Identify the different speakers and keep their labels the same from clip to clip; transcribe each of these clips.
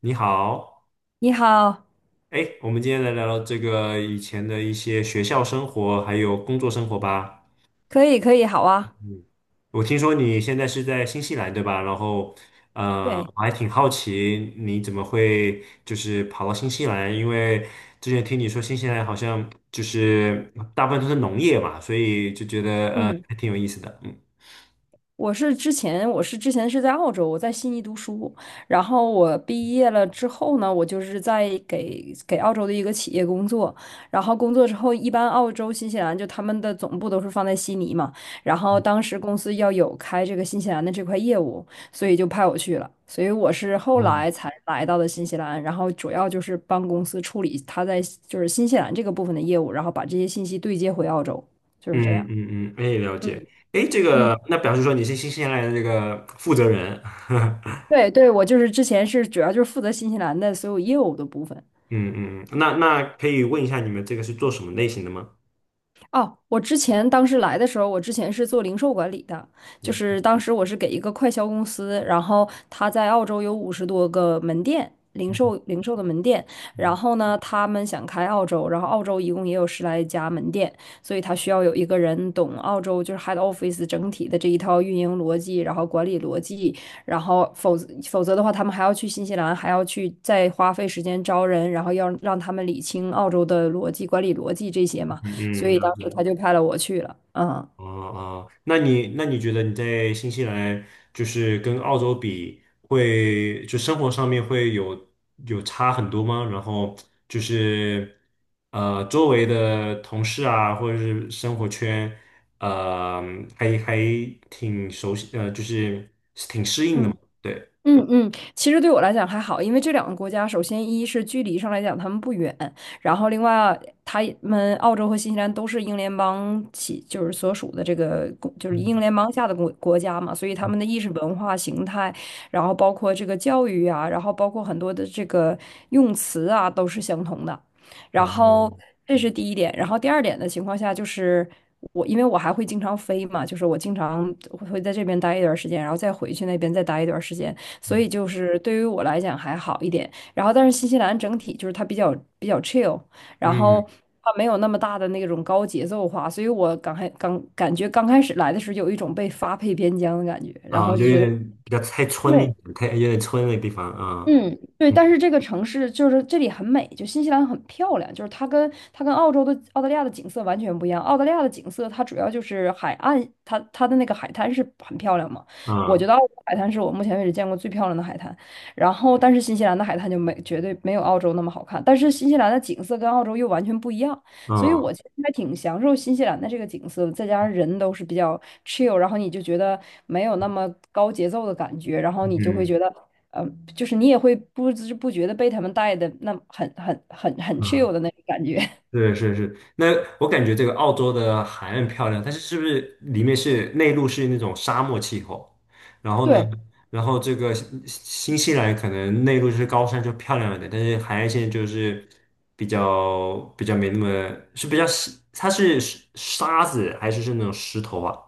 Speaker 1: 你好，
Speaker 2: 你好，
Speaker 1: 哎，我们今天来聊聊这个以前的一些学校生活，还有工作生活吧。
Speaker 2: 可以，可以，好啊。
Speaker 1: 嗯，我听说你现在是在新西兰，对吧？然后，
Speaker 2: 对，
Speaker 1: 我还挺好奇你怎么会就是跑到新西兰，因为之前听你说新西兰好像就是大部分都是农业嘛，所以就觉得
Speaker 2: 嗯，
Speaker 1: 还挺有意思的。嗯
Speaker 2: 我是之前是在澳洲，我在悉尼读书，然后我毕业了之后呢，我就是在给澳洲的一个企业工作，然后工作之后，一般澳洲、新西兰就他们的总部都是放在悉尼嘛，然后当时公司要有开这个新西兰的这块业务，所以就派我去了，所以我是后
Speaker 1: 嗯，
Speaker 2: 来才来到的新西兰，然后主要就是帮公司处理他在就是新西兰这个部分的业务，然后把这些信息对接回澳洲，就是这
Speaker 1: 嗯
Speaker 2: 样。
Speaker 1: 嗯嗯，哎，了解。
Speaker 2: 嗯，
Speaker 1: 哎，这个那表示说你是新西兰的这个负责人。
Speaker 2: 对对，我就是之前是主要就是负责新西兰的所有业务的部分。
Speaker 1: 嗯嗯，那可以问一下你们这个是做什么类型的吗？
Speaker 2: 哦，我之前当时来的时候，我之前是做零售管理的，就是当时我是给一个快销公司，然后他在澳洲有五十多个门店，零售的门店，然
Speaker 1: 嗯
Speaker 2: 后呢，他们想开澳洲，然后澳洲一共也有十来家门店，所以他需要有一个人懂澳洲就是 head office 整体的这一套运营逻辑，然后管理逻辑，然后否则的话，他们还要去新西兰，还要去再花费时间招人，然后要让他们理清澳洲的逻辑、管理逻辑这些嘛。所
Speaker 1: 嗯，
Speaker 2: 以
Speaker 1: 了
Speaker 2: 当
Speaker 1: 解。
Speaker 2: 时他就派了我去了。嗯，
Speaker 1: 哦哦，那你觉得你在新西兰就是跟澳洲比会，就生活上面会有差很多吗？然后就是周围的同事啊，或者是生活圈，呃，还挺熟悉，就是挺适应的嘛。
Speaker 2: 嗯。
Speaker 1: 对，
Speaker 2: 嗯嗯，其实对我来讲还好，因为这两个国家，首先一是距离上来讲他们不远，然后另外他们澳洲和新西兰都是英联邦起，就是所属的这个公就是英
Speaker 1: 嗯
Speaker 2: 联邦下的国家嘛，所以他
Speaker 1: 嗯
Speaker 2: 们的意识文化形态，然后包括这个教育啊，然后包括很多的这个用词啊，都是相同的。
Speaker 1: 啊，
Speaker 2: 然后这是第一点，然后第二点的情况下就是。我因为我还会经常飞嘛，就是我经常会在这边待一段时间，然后再回去那边再待一段时间。所
Speaker 1: 嗯
Speaker 2: 以就是对于我来讲还好一点。然后，但是新西兰整体就是它比较 chill，然后
Speaker 1: 嗯
Speaker 2: 它没有那么大的那种高节奏化，所以我刚开刚感觉刚开始来的时候有一种被发配边疆的感觉，然
Speaker 1: 啊，
Speaker 2: 后
Speaker 1: 就
Speaker 2: 就
Speaker 1: 有
Speaker 2: 觉得。
Speaker 1: 点比较太村一
Speaker 2: 对，
Speaker 1: 点，太有点村的地方啊，
Speaker 2: 嗯，对，
Speaker 1: 嗯
Speaker 2: 但是这个城市就是这里很美，就新西兰很漂亮，就是它跟澳洲的澳大利亚的景色完全不一样。澳大利亚的景色它主要就是海岸，它的那个海滩是很漂亮嘛。我觉
Speaker 1: 啊
Speaker 2: 得澳洲海滩是我目前为止见过最漂亮的海滩。然后，但是新西兰的海滩就没绝对没有澳洲那么好看，但是新西兰的景色跟澳洲又完全不一样，所以我
Speaker 1: 啊
Speaker 2: 其实还挺享受新西兰的这个景色的，再加上人都是比较 chill，然后你就觉得没有那么高节奏的感觉，然后你就会
Speaker 1: 嗯
Speaker 2: 觉得。呃，就是你也会不知不觉的被他们带的那很
Speaker 1: 啊，
Speaker 2: chill 的那种感觉。
Speaker 1: 是是是。那我感觉这个澳洲的海岸漂亮，但是是不是里面是内陆是那种沙漠气候？然后呢，
Speaker 2: 对，
Speaker 1: 然后这个新西兰可能内陆是高山就漂亮一点，但是海岸线就是比较没那么是比较是它是沙子还是那种石头啊？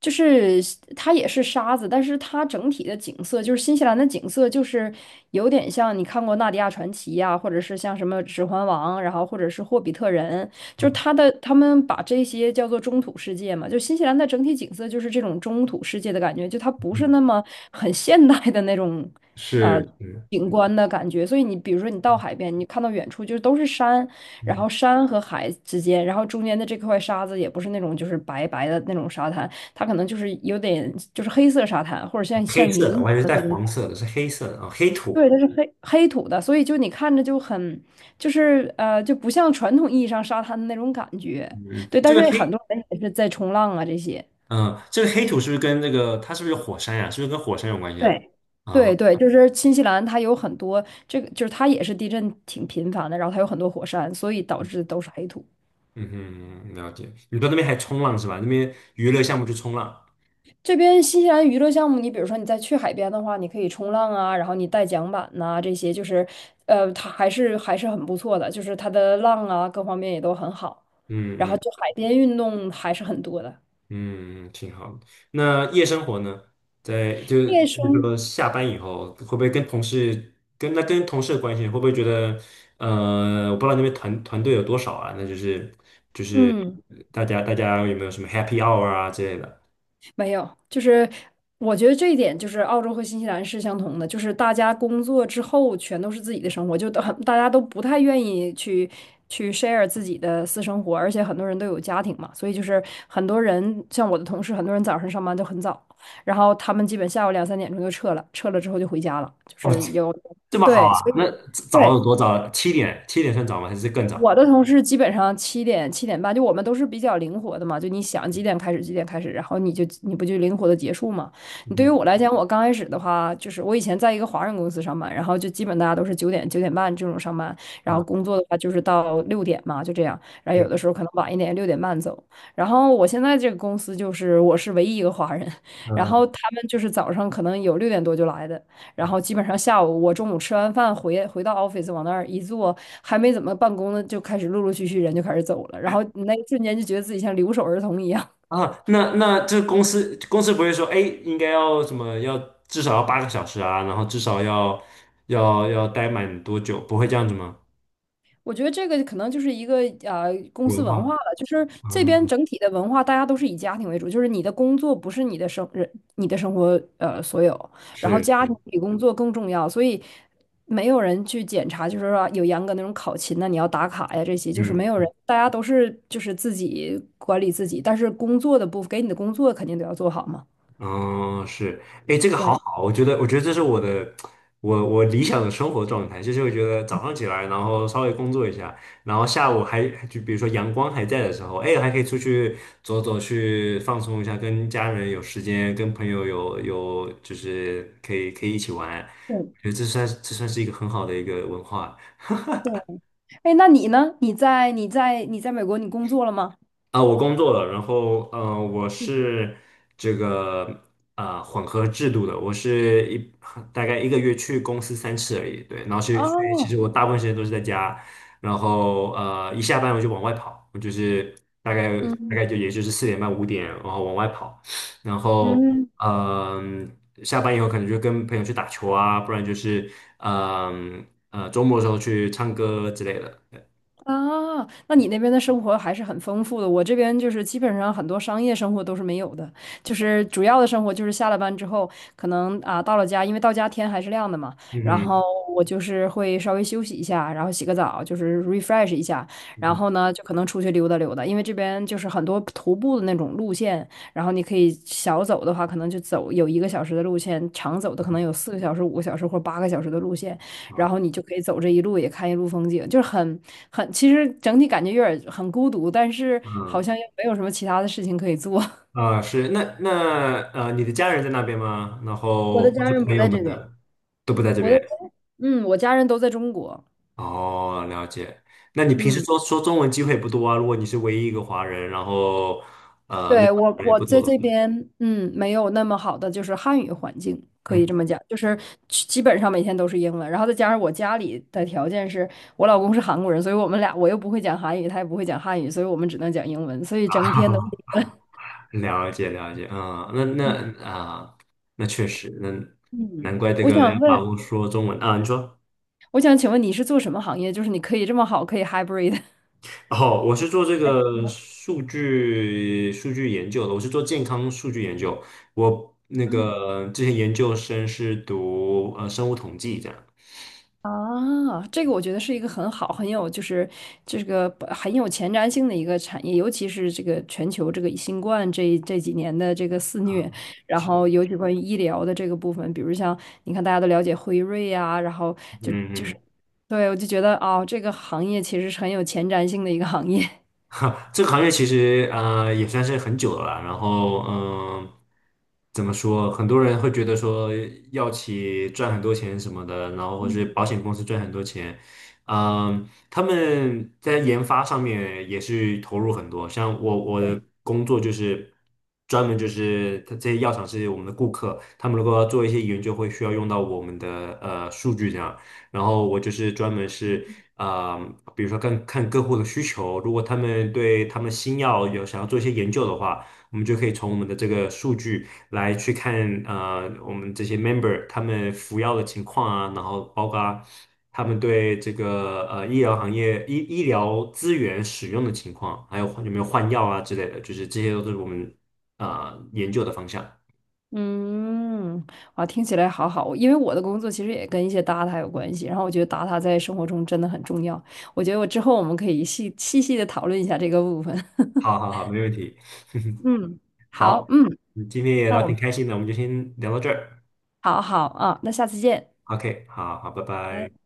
Speaker 2: 就是它也是沙子，但是它整体的景色，就是新西兰的景色，就是有点像你看过《纳迪亚传奇》呀，或者是像什么《指环王》，然后或者是《霍比特人》，就是
Speaker 1: 嗯，
Speaker 2: 它的他们把这些叫做中土世界嘛，就新西兰的整体景色就是这种中土世界的感觉，就它不是
Speaker 1: 嗯
Speaker 2: 那么很现代的那种
Speaker 1: 是
Speaker 2: 呃
Speaker 1: 是。
Speaker 2: 景观的感觉，所以你比如说你到海边，你看到远处就是都是山，然后山和海之间，然后中间的这块沙子也不是那种就是白白的那种沙滩。它可能就是有点就是黑色沙滩，或者像
Speaker 1: 黑
Speaker 2: 像泥
Speaker 1: 色
Speaker 2: 一
Speaker 1: 的，我
Speaker 2: 样
Speaker 1: 还以为是
Speaker 2: 的
Speaker 1: 带
Speaker 2: 那种感
Speaker 1: 黄
Speaker 2: 觉。
Speaker 1: 色的，是黑色的啊、黑土。
Speaker 2: 对，它是黑黑土的，所以就你看着就很就是就不像传统意义上沙滩的那种感觉。
Speaker 1: 嗯，
Speaker 2: 对，
Speaker 1: 这
Speaker 2: 但
Speaker 1: 个
Speaker 2: 是
Speaker 1: 黑，
Speaker 2: 很多人也是在冲浪啊这些。
Speaker 1: 嗯、这个黑土是不是跟那个它是不是有火山呀、是不是跟火山有关系啊？
Speaker 2: 对，对
Speaker 1: 啊，
Speaker 2: 对，就是新西兰，它有很多这个，就是它也是地震挺频繁的，然后它有很多火山，所以导致都是黑土。
Speaker 1: 嗯哼，了解。你到那边还冲浪是吧？那边娱乐项目就冲浪。
Speaker 2: 这边新西兰娱乐项目，你比如说你再去海边的话，你可以冲浪啊，然后你带桨板呐、这些就是，它还是很不错的，就是它的浪啊各方面也都很好，
Speaker 1: 嗯
Speaker 2: 然后
Speaker 1: 嗯
Speaker 2: 就海边运动还是很多的。
Speaker 1: 嗯，嗯挺好的。那夜生活呢？在就
Speaker 2: 夜
Speaker 1: 比如
Speaker 2: 生，
Speaker 1: 说下班以后，会不会跟同事的关系，会不会觉得我不知道那边团队有多少啊？那就是
Speaker 2: 嗯。
Speaker 1: 大家有没有什么 happy hour 啊之类的？
Speaker 2: 没有，就是我觉得这一点就是澳洲和新西兰是相同的，就是大家工作之后全都是自己的生活，就都很大家都不太愿意去 share 自己的私生活，而且很多人都有家庭嘛，所以就是很多人像我的同事，很多人早上上班都很早，然后他们基本下午两三点钟就撤了，撤了之后就回家了，就
Speaker 1: 哦，
Speaker 2: 是有，
Speaker 1: 这么好
Speaker 2: 对，
Speaker 1: 啊？
Speaker 2: 所
Speaker 1: 那
Speaker 2: 以。
Speaker 1: 早
Speaker 2: 对，
Speaker 1: 有多早？七点算早吗？还是更
Speaker 2: 我
Speaker 1: 早？
Speaker 2: 的同事基本上七点半，就我们都是比较灵活的嘛，就你想几点开始几点开始，然后你就你不就灵活的结束嘛。你对于
Speaker 1: 嗯
Speaker 2: 我来讲，我刚开始的话，就是我以前在一个华人公司上班，然后就基本大家都是九点半这种上班，然后
Speaker 1: 啊，
Speaker 2: 工作的话就是到六点嘛，就这样，然后有
Speaker 1: 对，
Speaker 2: 的时候可能晚一点，六点半走。然后我现在这个公司就是我是唯一一个华人，然
Speaker 1: 啊
Speaker 2: 后他们就是早上可能有六点多就来的。然后基本上下午我中午吃完饭回到 office 往那儿一坐，还没怎么办公呢，就开始陆陆续续人就开始走了，然后那一瞬间就觉得自己像留守儿童一样。
Speaker 1: 啊，那这公司不会说，哎，应该要什么？要至少要8个小时啊，然后至少要待满多久？不会这样子吗？
Speaker 2: 我觉得这个可能就是一个公司
Speaker 1: 文
Speaker 2: 文化
Speaker 1: 化
Speaker 2: 了，就是这边
Speaker 1: 啊，
Speaker 2: 整体的文化，大家都是以家庭为主，就是你的工作不是你的生人，你的生活所有，然后
Speaker 1: 是
Speaker 2: 家庭
Speaker 1: 是，
Speaker 2: 比工作更重要，所以没有人去检查，就是说有严格那种考勤呐，你要打卡呀这些，就是没有
Speaker 1: 嗯。
Speaker 2: 人，大家都是就是自己管理自己，但是工作的部分给你的工作肯定都要做好嘛。
Speaker 1: 嗯，是，哎，这个好
Speaker 2: 对
Speaker 1: 好，我觉得这是我的，我理想的生活状态，就是我觉得早上起来，然后稍微工作一下，然后下午还就比如说阳光还在的时候，哎，还可以出去走走，去放松一下，跟家人有时间，跟朋友有就是可以一起玩，
Speaker 2: 对
Speaker 1: 我觉得这算是一个很好的一个文化。
Speaker 2: 对，哎，那你呢？你在美国你工作了吗？
Speaker 1: 啊，我工作了，然后我是这个混合制度的，我是一大概1个月去公司3次而已，对，然后所以其实
Speaker 2: 哦，
Speaker 1: 我大部分时间都是在家，然后一下班我就往外跑，我就是大概大
Speaker 2: 嗯
Speaker 1: 概就也就是4点半5点，然后往外跑，然后
Speaker 2: 嗯。
Speaker 1: 嗯、下班以后可能就跟朋友去打球啊，不然就是周末的时候去唱歌之类的，对
Speaker 2: 啊，那你那边的生活还是很丰富的。我这边就是基本上很多商业生活都是没有的，就是主要的生活就是下了班之后，可能啊到了家，因为到家天还是亮的嘛，
Speaker 1: 嗯
Speaker 2: 然后
Speaker 1: 哼
Speaker 2: 我就是会稍微休息一下，然后洗个澡，就是 refresh 一下，
Speaker 1: 嗯
Speaker 2: 然
Speaker 1: 哼。
Speaker 2: 后呢就可能出去溜达溜达，因为这边就是很多徒步的那种路线，然后你可以小走的话，可能就走有一个小时的路线，长走的可能有四个小时、五个小时或八个小时的路线。然后你就可以走这一路，也看一路风景，就是很，其实整体感觉有点很孤独，但是好
Speaker 1: 好
Speaker 2: 像又没有什么其他的事情可以做。
Speaker 1: 啊，是那你的家人在那边吗？然
Speaker 2: 我
Speaker 1: 后
Speaker 2: 的
Speaker 1: 或
Speaker 2: 家
Speaker 1: 者
Speaker 2: 人
Speaker 1: 朋
Speaker 2: 不
Speaker 1: 友
Speaker 2: 在这
Speaker 1: 们
Speaker 2: 边，
Speaker 1: 的都不在这
Speaker 2: 我的
Speaker 1: 边。
Speaker 2: 家嗯，我家人都在中国。
Speaker 1: 哦，了解。那你平时
Speaker 2: 嗯，
Speaker 1: 说说中文机会也不多啊？如果你是唯一一个华人，然后那
Speaker 2: 对，我
Speaker 1: 华人也
Speaker 2: 我
Speaker 1: 不多
Speaker 2: 在
Speaker 1: 的话，
Speaker 2: 这边，嗯，没有那么好的就是汉语环境，可以
Speaker 1: 嗯，
Speaker 2: 这么讲，就是基本上每天都是英文，然后再加上我家里的条件是我老公是韩国人，所以我们俩我又不会讲韩语，他也不会讲汉语，所以我们只能讲英文，所以整天的，
Speaker 1: 了解了解，嗯，
Speaker 2: 嗯，
Speaker 1: 那确实，那
Speaker 2: 嗯。
Speaker 1: 难怪这
Speaker 2: 我
Speaker 1: 个要
Speaker 2: 想
Speaker 1: 把
Speaker 2: 问。
Speaker 1: 握说中文啊。你说，
Speaker 2: 我想请问你是做什么行业？就是你可以这么好，可以 hybrid。
Speaker 1: 哦，我是做这
Speaker 2: 还挺
Speaker 1: 个
Speaker 2: 好。
Speaker 1: 数据研究的，我是做健康数据研究。我之前研究生是读生物统计这样
Speaker 2: 这个我觉得是一个很好、很有就是这个很有前瞻性的一个产业，尤其是这个全球这个新冠这几年的这个肆
Speaker 1: 啊，
Speaker 2: 虐，然后
Speaker 1: 是，
Speaker 2: 尤其关于医疗的这个部分，比如像你看大家都了解辉瑞啊，然后
Speaker 1: 嗯
Speaker 2: 就
Speaker 1: 嗯
Speaker 2: 对我就觉得哦，这个行业其实是很有前瞻性的一个行业。
Speaker 1: 哈，这个行业其实也算是很久了啦然后怎么说？很多人会觉得说药企赚很多钱什么的，然后或是保险公司赚很多钱，他们在研发上面也是投入很多。像我的 工作就是专门就是它这些药厂是我们的顾客，他们如果要做一些研究，会需要用到我们的数据这样。然后我就是专门是比如说看看客户的需求，如果他们对他们新药有想要做一些研究的话，我们就可以从我们的这个数据来去看啊，我们这些 member 他们服药的情况啊，然后包括他们对这个医疗行业医疗资源使用的情况，还有有没有换药啊之类的，就是这些都是我们研究的方向。
Speaker 2: 嗯，哇，听起来好好。因为我的工作其实也跟一些 data 有关系，然后我觉得 data 在生活中真的很重要。我觉得我之后我们可以细细的讨论一下这个部分。
Speaker 1: 好好好，没问题。
Speaker 2: 嗯，好，
Speaker 1: 好，
Speaker 2: 嗯，
Speaker 1: 今天也
Speaker 2: 那
Speaker 1: 聊
Speaker 2: 我
Speaker 1: 挺
Speaker 2: 们
Speaker 1: 开心的，我们就先聊到这儿。
Speaker 2: 好好啊，那下次见。
Speaker 1: OK，好好，拜拜。
Speaker 2: 拜。